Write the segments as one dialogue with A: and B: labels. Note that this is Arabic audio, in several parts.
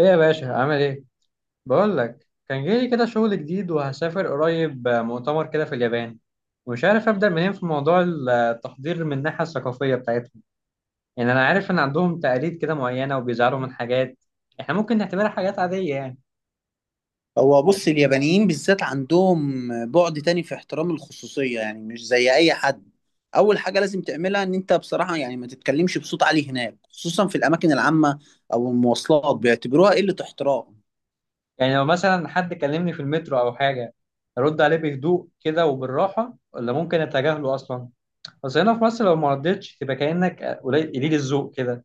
A: ايه يا باشا، عامل ايه؟ بقول لك، كان جاي لي كده شغل جديد وهسافر قريب، مؤتمر كده في اليابان. ومش عارف ابدا منين في موضوع التحضير من الناحيه الثقافيه بتاعتهم. يعني انا عارف ان عندهم تقاليد كده معينه وبيزعلوا من حاجات احنا ممكن نعتبرها حاجات عاديه يعني.
B: هو بص اليابانيين بالذات عندهم بعد تاني في احترام الخصوصية، يعني مش زي أي حد. أول حاجة لازم تعملها إن أنت بصراحة يعني ما تتكلمش بصوت عالي هناك، خصوصا في الأماكن العامة أو المواصلات، بيعتبروها قلة احترام.
A: يعني لو مثلا حد كلمني في المترو او حاجه، ارد عليه بهدوء كده وبالراحه، ولا ممكن اتجاهله اصلا؟ بس هنا في مصر لو ما ردتش تبقى كانك قليل قليل الذوق كده.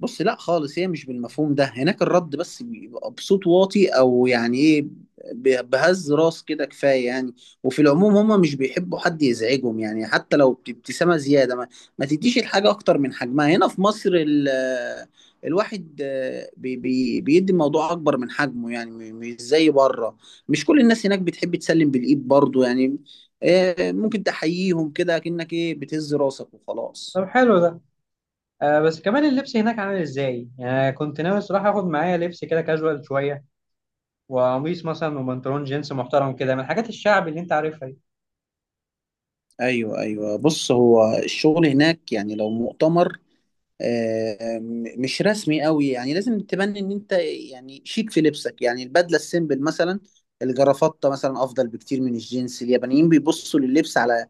B: بص لا خالص، هي مش بالمفهوم ده. هناك الرد بس بيبقى بصوت واطي او يعني ايه، بهز راس كده كفايه يعني. وفي العموم هما مش بيحبوا حد يزعجهم، يعني حتى لو بابتسامه زياده. ما تديش الحاجه اكتر من حجمها. هنا في مصر الواحد بي بي بيدي الموضوع اكبر من حجمه يعني، مش زي بره. مش كل الناس هناك بتحب تسلم بالايد برضه يعني. ممكن تحييهم كده كأنك ايه بتهز راسك وخلاص.
A: طب، حلو ده. آه، بس كمان اللبس هناك عامل ازاي؟ يعني كنت ناوي الصراحة اخد معايا لبس كده كاجوال شوية، وقميص مثلا وبنطلون جينز محترم كده، من الحاجات الشعبي اللي انت عارفها دي.
B: ايوه ايوه، بص هو الشغل هناك يعني لو مؤتمر مش رسمي قوي، يعني لازم تبني ان انت يعني شيك في لبسك. يعني البدله السيمبل مثلا، الجرافطه مثلا افضل بكتير من الجينز. اليابانيين بيبصوا لللبس على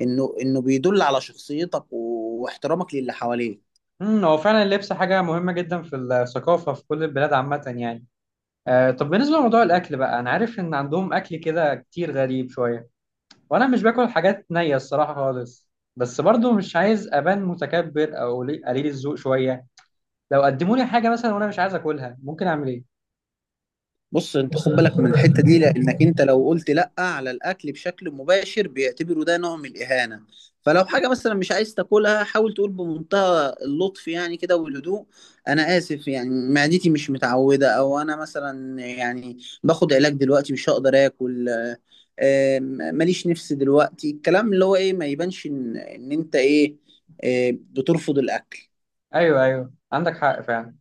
B: انه بيدل على شخصيتك واحترامك للي حواليك.
A: هو فعلا اللبس حاجة مهمة جدا في الثقافة في كل البلاد عامة يعني. آه، طب بالنسبة لموضوع الأكل بقى، أنا عارف إن عندهم أكل كده كتير غريب شوية، وأنا مش باكل حاجات نية الصراحة خالص. بس برضو مش عايز أبان متكبر أو قليل قليل الذوق شوية. لو قدموا لي حاجة مثلا وأنا مش عايز أكلها، ممكن أعمل إيه؟
B: بص انت خد بالك من الحته دي، لانك انت لو قلت لا على الاكل بشكل مباشر بيعتبروا ده نوع من الاهانه. فلو حاجه مثلا مش عايز تاكلها حاول تقول بمنتهى اللطف يعني كده والهدوء: انا اسف يعني معدتي مش متعوده، او انا مثلا يعني باخد علاج دلوقتي مش هقدر اكل. آم، ماليش نفس دلوقتي، الكلام اللي هو ايه ما يبانش ان ان انت ايه بترفض الاكل.
A: أيوه، أيوه، عندك حق فعلا.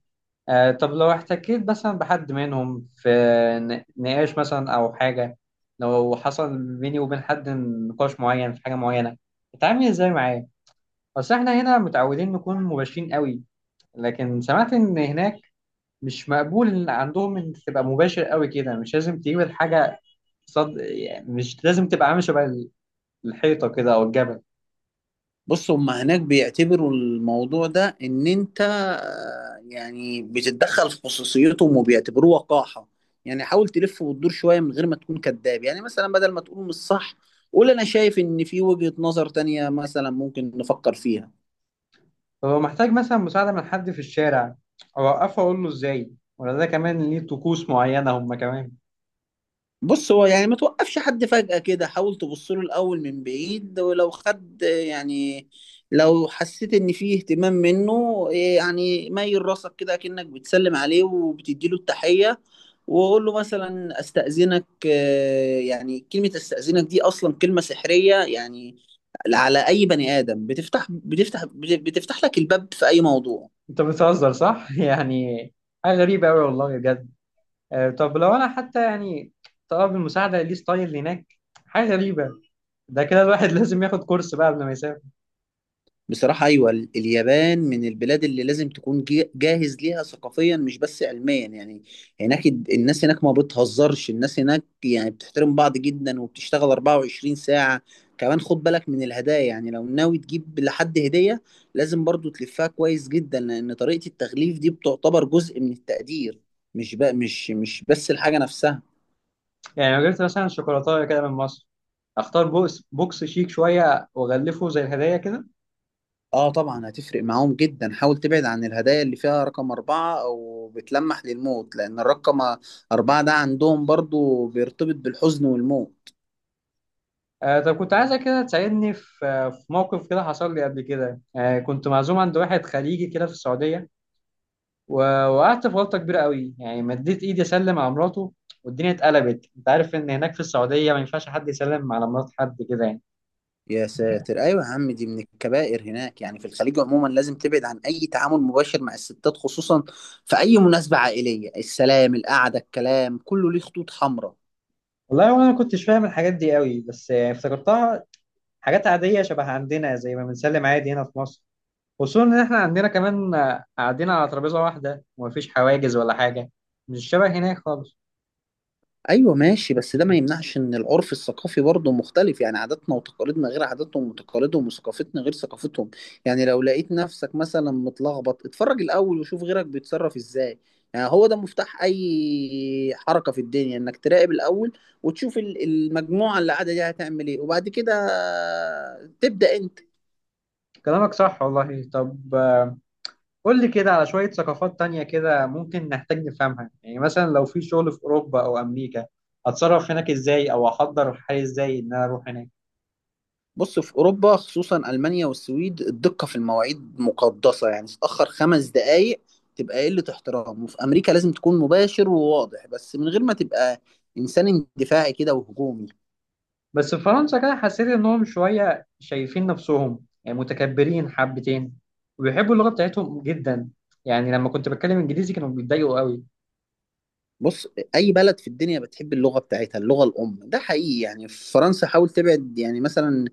A: آه، طب لو احتكيت مثلا بحد منهم في نقاش مثلا أو حاجة، لو حصل بيني وبين حد نقاش معين في حاجة معينة، بتعامل ازاي معاه؟ أصل احنا هنا متعودين نكون مباشرين قوي، لكن سمعت إن هناك مش مقبول إن عندهم إن تبقى مباشر قوي كده، مش لازم تجيب الحاجة صد يعني، مش لازم تبقى عامل شبه الحيطة كده أو الجبل.
B: بص هما هناك بيعتبروا الموضوع ده ان انت يعني بتتدخل في خصوصيتهم، وبيعتبروه وقاحة. يعني حاول تلف وتدور شوية من غير ما تكون كذاب. يعني مثلا بدل ما تقول مش صح، قول انا شايف ان في وجهة نظر تانية مثلا ممكن نفكر فيها.
A: فهو محتاج مثلا مساعدة من حد في الشارع، أوقفه أقول له ازاي؟ ولا ده كمان ليه طقوس معينة هما كمان؟
B: بص هو يعني ما توقفش حد فجأة كده، حاول تبص له الأول من بعيد، ولو خد يعني لو حسيت إن فيه اهتمام منه يعني ميل راسك كده كأنك بتسلم عليه وبتديله التحية. وقول له مثلا أستأذنك. يعني كلمة أستأذنك دي أصلا كلمة سحرية، يعني على أي بني آدم بتفتح لك الباب في أي موضوع.
A: انت بتهزر صح؟ يعني حاجة غريبة أوي والله بجد. آه، طب لو أنا حتى يعني طلب المساعدة ليه ستايل هناك، حاجة غريبة. ده كده الواحد لازم ياخد كورس بقى قبل ما يسافر.
B: بصراحة أيوة، اليابان من البلاد اللي لازم تكون جاهز ليها ثقافيا مش بس علميا يعني. هناك الناس هناك ما بتهزرش، الناس هناك يعني بتحترم بعض جدا، وبتشتغل 24 ساعة. كمان خد بالك من الهدايا، يعني لو ناوي تجيب لحد هدية لازم برضو تلفها كويس جدا، لأن طريقة التغليف دي بتعتبر جزء من التقدير، مش بقى مش بس الحاجة نفسها.
A: يعني لو جبت مثلا شوكولاتة كده من مصر، أختار بوكس شيك شوية وأغلفه زي الهدايا كده.
B: اه طبعا هتفرق معاهم جدا. حاول تبعد عن الهدايا اللي فيها رقم 4 أو بتلمح للموت، لأن الرقم 4 ده عندهم برضو بيرتبط بالحزن والموت.
A: آه، طب كنت عايزك كده تساعدني في موقف كده حصل لي قبل كده. آه، كنت معزوم عند واحد خليجي كده في السعودية، ووقعت في غلطه كبيره قوي، يعني مديت ايدي اسلم على مراته والدنيا اتقلبت. انت عارف ان هناك في السعوديه ما ينفعش حد يسلم على مرات حد كده يعني.
B: يا ساتر، أيوة يا عم، دي من الكبائر هناك. يعني في الخليج عموما لازم تبعد عن أي تعامل مباشر مع الستات، خصوصا في أي مناسبة عائلية. السلام، القعدة، الكلام كله ليه خطوط حمراء.
A: والله وانا ما كنتش فاهم الحاجات دي قوي، بس يعني افتكرتها حاجات عاديه شبه عندنا، زي ما بنسلم عادي هنا في مصر. خصوصا ان احنا عندنا كمان، قاعدين على ترابيزه واحده ومفيش حواجز ولا حاجه. مش شبه هناك خالص.
B: ايوه ماشي، بس ده ما يمنعش ان العرف الثقافي برضه مختلف. يعني عاداتنا وتقاليدنا غير عاداتهم وتقاليدهم، وثقافتنا غير ثقافتهم. يعني لو لقيت نفسك مثلا متلخبط، اتفرج الاول وشوف غيرك بيتصرف ازاي. يعني هو ده مفتاح اي حركة في الدنيا، انك تراقب الاول وتشوف المجموعة اللي قاعدة دي هتعمل ايه وبعد كده تبدأ انت.
A: كلامك صح والله. طب قول لي كده على شوية ثقافات تانية كده ممكن نحتاج نفهمها، يعني مثلا لو في شغل في أوروبا أو أمريكا، أتصرف هناك إزاي أو أحضر حالي إزاي إن أنا أروح هناك؟
B: بص في اوروبا خصوصا المانيا والسويد الدقه في المواعيد مقدسه، يعني تتاخر 5 دقائق تبقى قله احترام. وفي امريكا لازم تكون مباشر وواضح، بس من غير ما تبقى انسان اندفاعي كده وهجومي.
A: بس في فرنسا كده حسيت إنهم شوية شايفين نفسهم، يعني متكبرين حبتين، وبيحبوا اللغة بتاعتهم جدا. يعني لما كنت بتكلم إنجليزي كانوا بيتضايقوا قوي.
B: بص، اي بلد في الدنيا بتحب اللغه بتاعتها، اللغه الام ده حقيقي. يعني في فرنسا حاول تبعد، يعني مثلا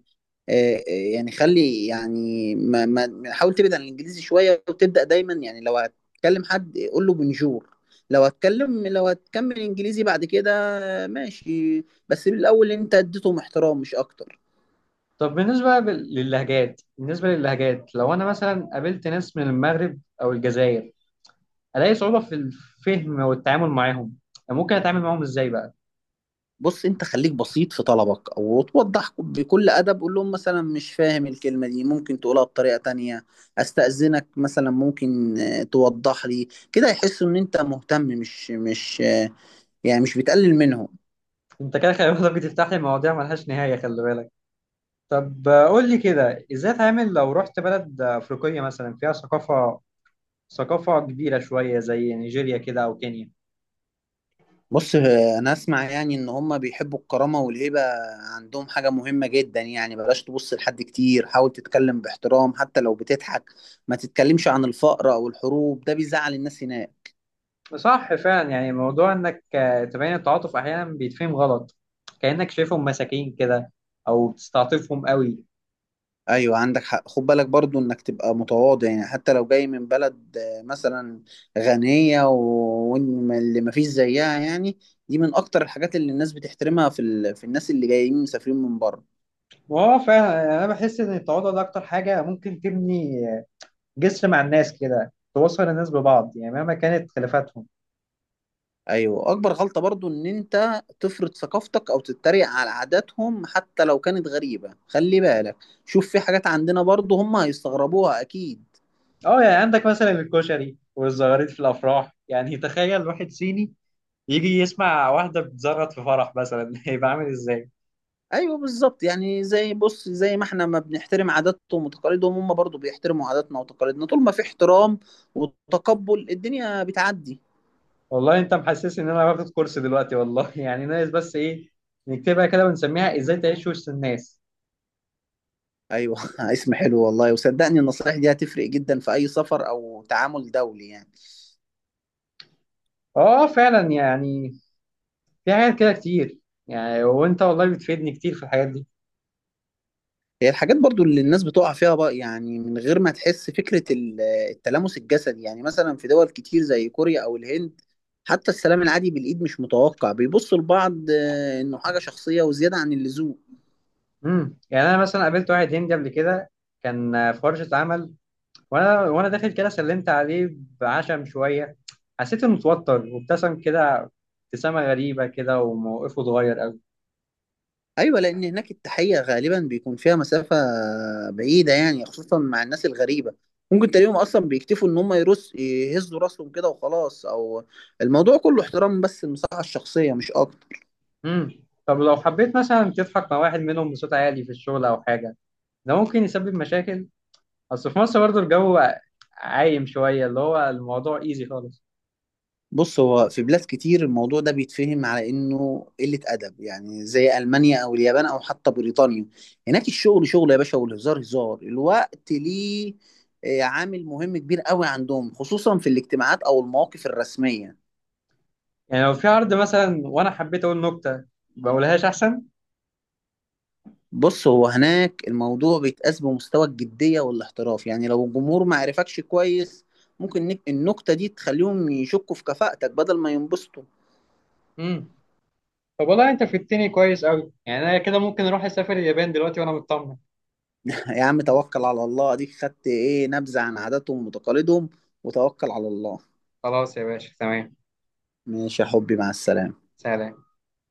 B: يعني خلي يعني ما حاول تبعد عن الانجليزي شويه، وتبدا دايما يعني لو هتكلم حد قول له بنجور. لو هتكمل انجليزي بعد كده ماشي، بس بالاول انت اديتهم احترام مش اكتر.
A: طب بالنسبة بال- للهجات بالنسبة للهجات، لو أنا مثلا قابلت ناس من المغرب أو الجزائر، ألاقي صعوبة في الفهم والتعامل معاهم. يعني ممكن أتعامل معاهم إزاي بقى؟
B: بص انت خليك بسيط في طلبك او توضح بكل ادب. قول لهم مثلا مش فاهم الكلمه دي ممكن تقولها بطريقه تانية. استاذنك مثلا ممكن توضح لي كده، يحسوا ان انت مهتم مش يعني مش بتقلل منهم.
A: انت كده خلي بالك بتفتح لي مواضيع ملهاش نهاية، خلي بالك. طب، قول لي كده ازاي اتعامل لو رحت بلد افريقية مثلا فيها ثقافة كبيرة شوية زي نيجيريا كده او كينيا.
B: بص انا اسمع يعني ان هم بيحبوا الكرامه والهيبه، عندهم حاجه مهمه جدا. يعني بلاش تبص لحد كتير، حاول تتكلم باحترام حتى لو بتضحك. ما تتكلمش عن الفقر او الحروب، ده بيزعل الناس هناك.
A: صح فعلا. يعني موضوع انك تبين التعاطف احيانا بيتفهم غلط، كأنك شايفهم مساكين كده، او بتستعطفهم قوي.
B: ايوه عندك حق. خد بالك برضو انك تبقى متواضع، يعني حتى لو جاي من بلد مثلا غنيه، وإن اللي ما فيش زيها يعني. دي من اكتر الحاجات اللي الناس بتحترمها في في الناس اللي جايين مسافرين من بره.
A: وهو فعلا، يعني انا بحس ان التعاطف ده اكتر حاجة ممكن تبني جسر مع الناس كده، توصل الناس ببعض يعني، مهما كانت خلافاتهم.
B: ايوه اكبر غلطة برضو ان انت تفرض ثقافتك او تتريق على عاداتهم حتى لو كانت غريبة. خلي بالك، شوف في حاجات عندنا برضو هم هيستغربوها اكيد.
A: اه، يعني عندك مثلا الكشري والزغاريد في الافراح، يعني تخيل واحد صيني يجي يسمع واحده بتزغط في فرح مثلا هيبقى عامل ازاي.
B: ايوه بالظبط. يعني زي ما احنا ما بنحترم عاداتهم وتقاليدهم، هم برضو بيحترموا عاداتنا وتقاليدنا. طول ما في احترام وتقبل، الدنيا بتعدي.
A: والله انت محسس ان انا واخد كورس دلوقتي والله يعني، ناقص بس ايه، نكتبها كده ونسميها ازاي تعيش وسط الناس.
B: ايوه اسم حلو والله. وصدقني النصائح دي هتفرق جدا في اي سفر او تعامل دولي يعني.
A: اه، فعلا. يعني في حاجات كده كتير، يعني وانت والله بتفيدني كتير في الحاجات دي.
B: هي الحاجات برضو اللي الناس بتقع فيها بقى يعني من غير ما تحس، فكرة التلامس الجسدي، يعني مثلا في دول كتير زي كوريا أو الهند حتى السلام العادي بالإيد مش متوقع. بيبصوا لبعض إنه حاجة شخصية وزيادة عن اللزوم.
A: يعني انا مثلا قابلت واحد هندي قبل كده، كان في ورشه عمل، وانا داخل كده سلمت عليه بعشم شويه. حسيت انه متوتر وابتسم كده، ابتسامه غريبه كده، وموقفه اتغير قوي.
B: أيوة، لأن هناك التحية غالبا بيكون فيها مسافة بعيدة، يعني خصوصا مع الناس الغريبة. ممكن تلاقيهم أصلا بيكتفوا إن هم يهزوا راسهم كده وخلاص، أو الموضوع كله احترام بس، المساحة الشخصية مش أكتر.
A: طب لو حبيت مثلا تضحك مع واحد منهم بصوت عالي في الشغل او حاجه، ده ممكن يسبب مشاكل. اصل في مصر برضه الجو عايم شويه، اللي هو الموضوع ايزي خالص.
B: بص هو في بلاد كتير الموضوع ده بيتفهم على انه قلة ادب، يعني زي المانيا او اليابان او حتى بريطانيا. هناك الشغل شغل يا باشا، والهزار هزار، الوقت ليه عامل مهم كبير قوي عندهم، خصوصا في الاجتماعات او المواقف الرسمية.
A: يعني لو في عرض مثلا وانا حبيت اقول نكته، بقولهاش احسن.
B: بص هو هناك الموضوع بيتقاس بمستوى الجدية والاحتراف. يعني لو الجمهور ما عرفكش كويس، ممكن النكتة دي تخليهم يشكوا في كفاءتك بدل ما ينبسطوا.
A: امم طب والله انت فدتني كويس قوي، يعني انا كده ممكن اروح اسافر اليابان دلوقتي وانا مطمن.
B: يا عم توكل على الله، اديك خدت ايه نبذة عن عاداتهم وتقاليدهم، وتوكل على الله.
A: خلاص يا باشا، تمام.
B: ماشي يا حبي، مع السلامة.
A: سلام.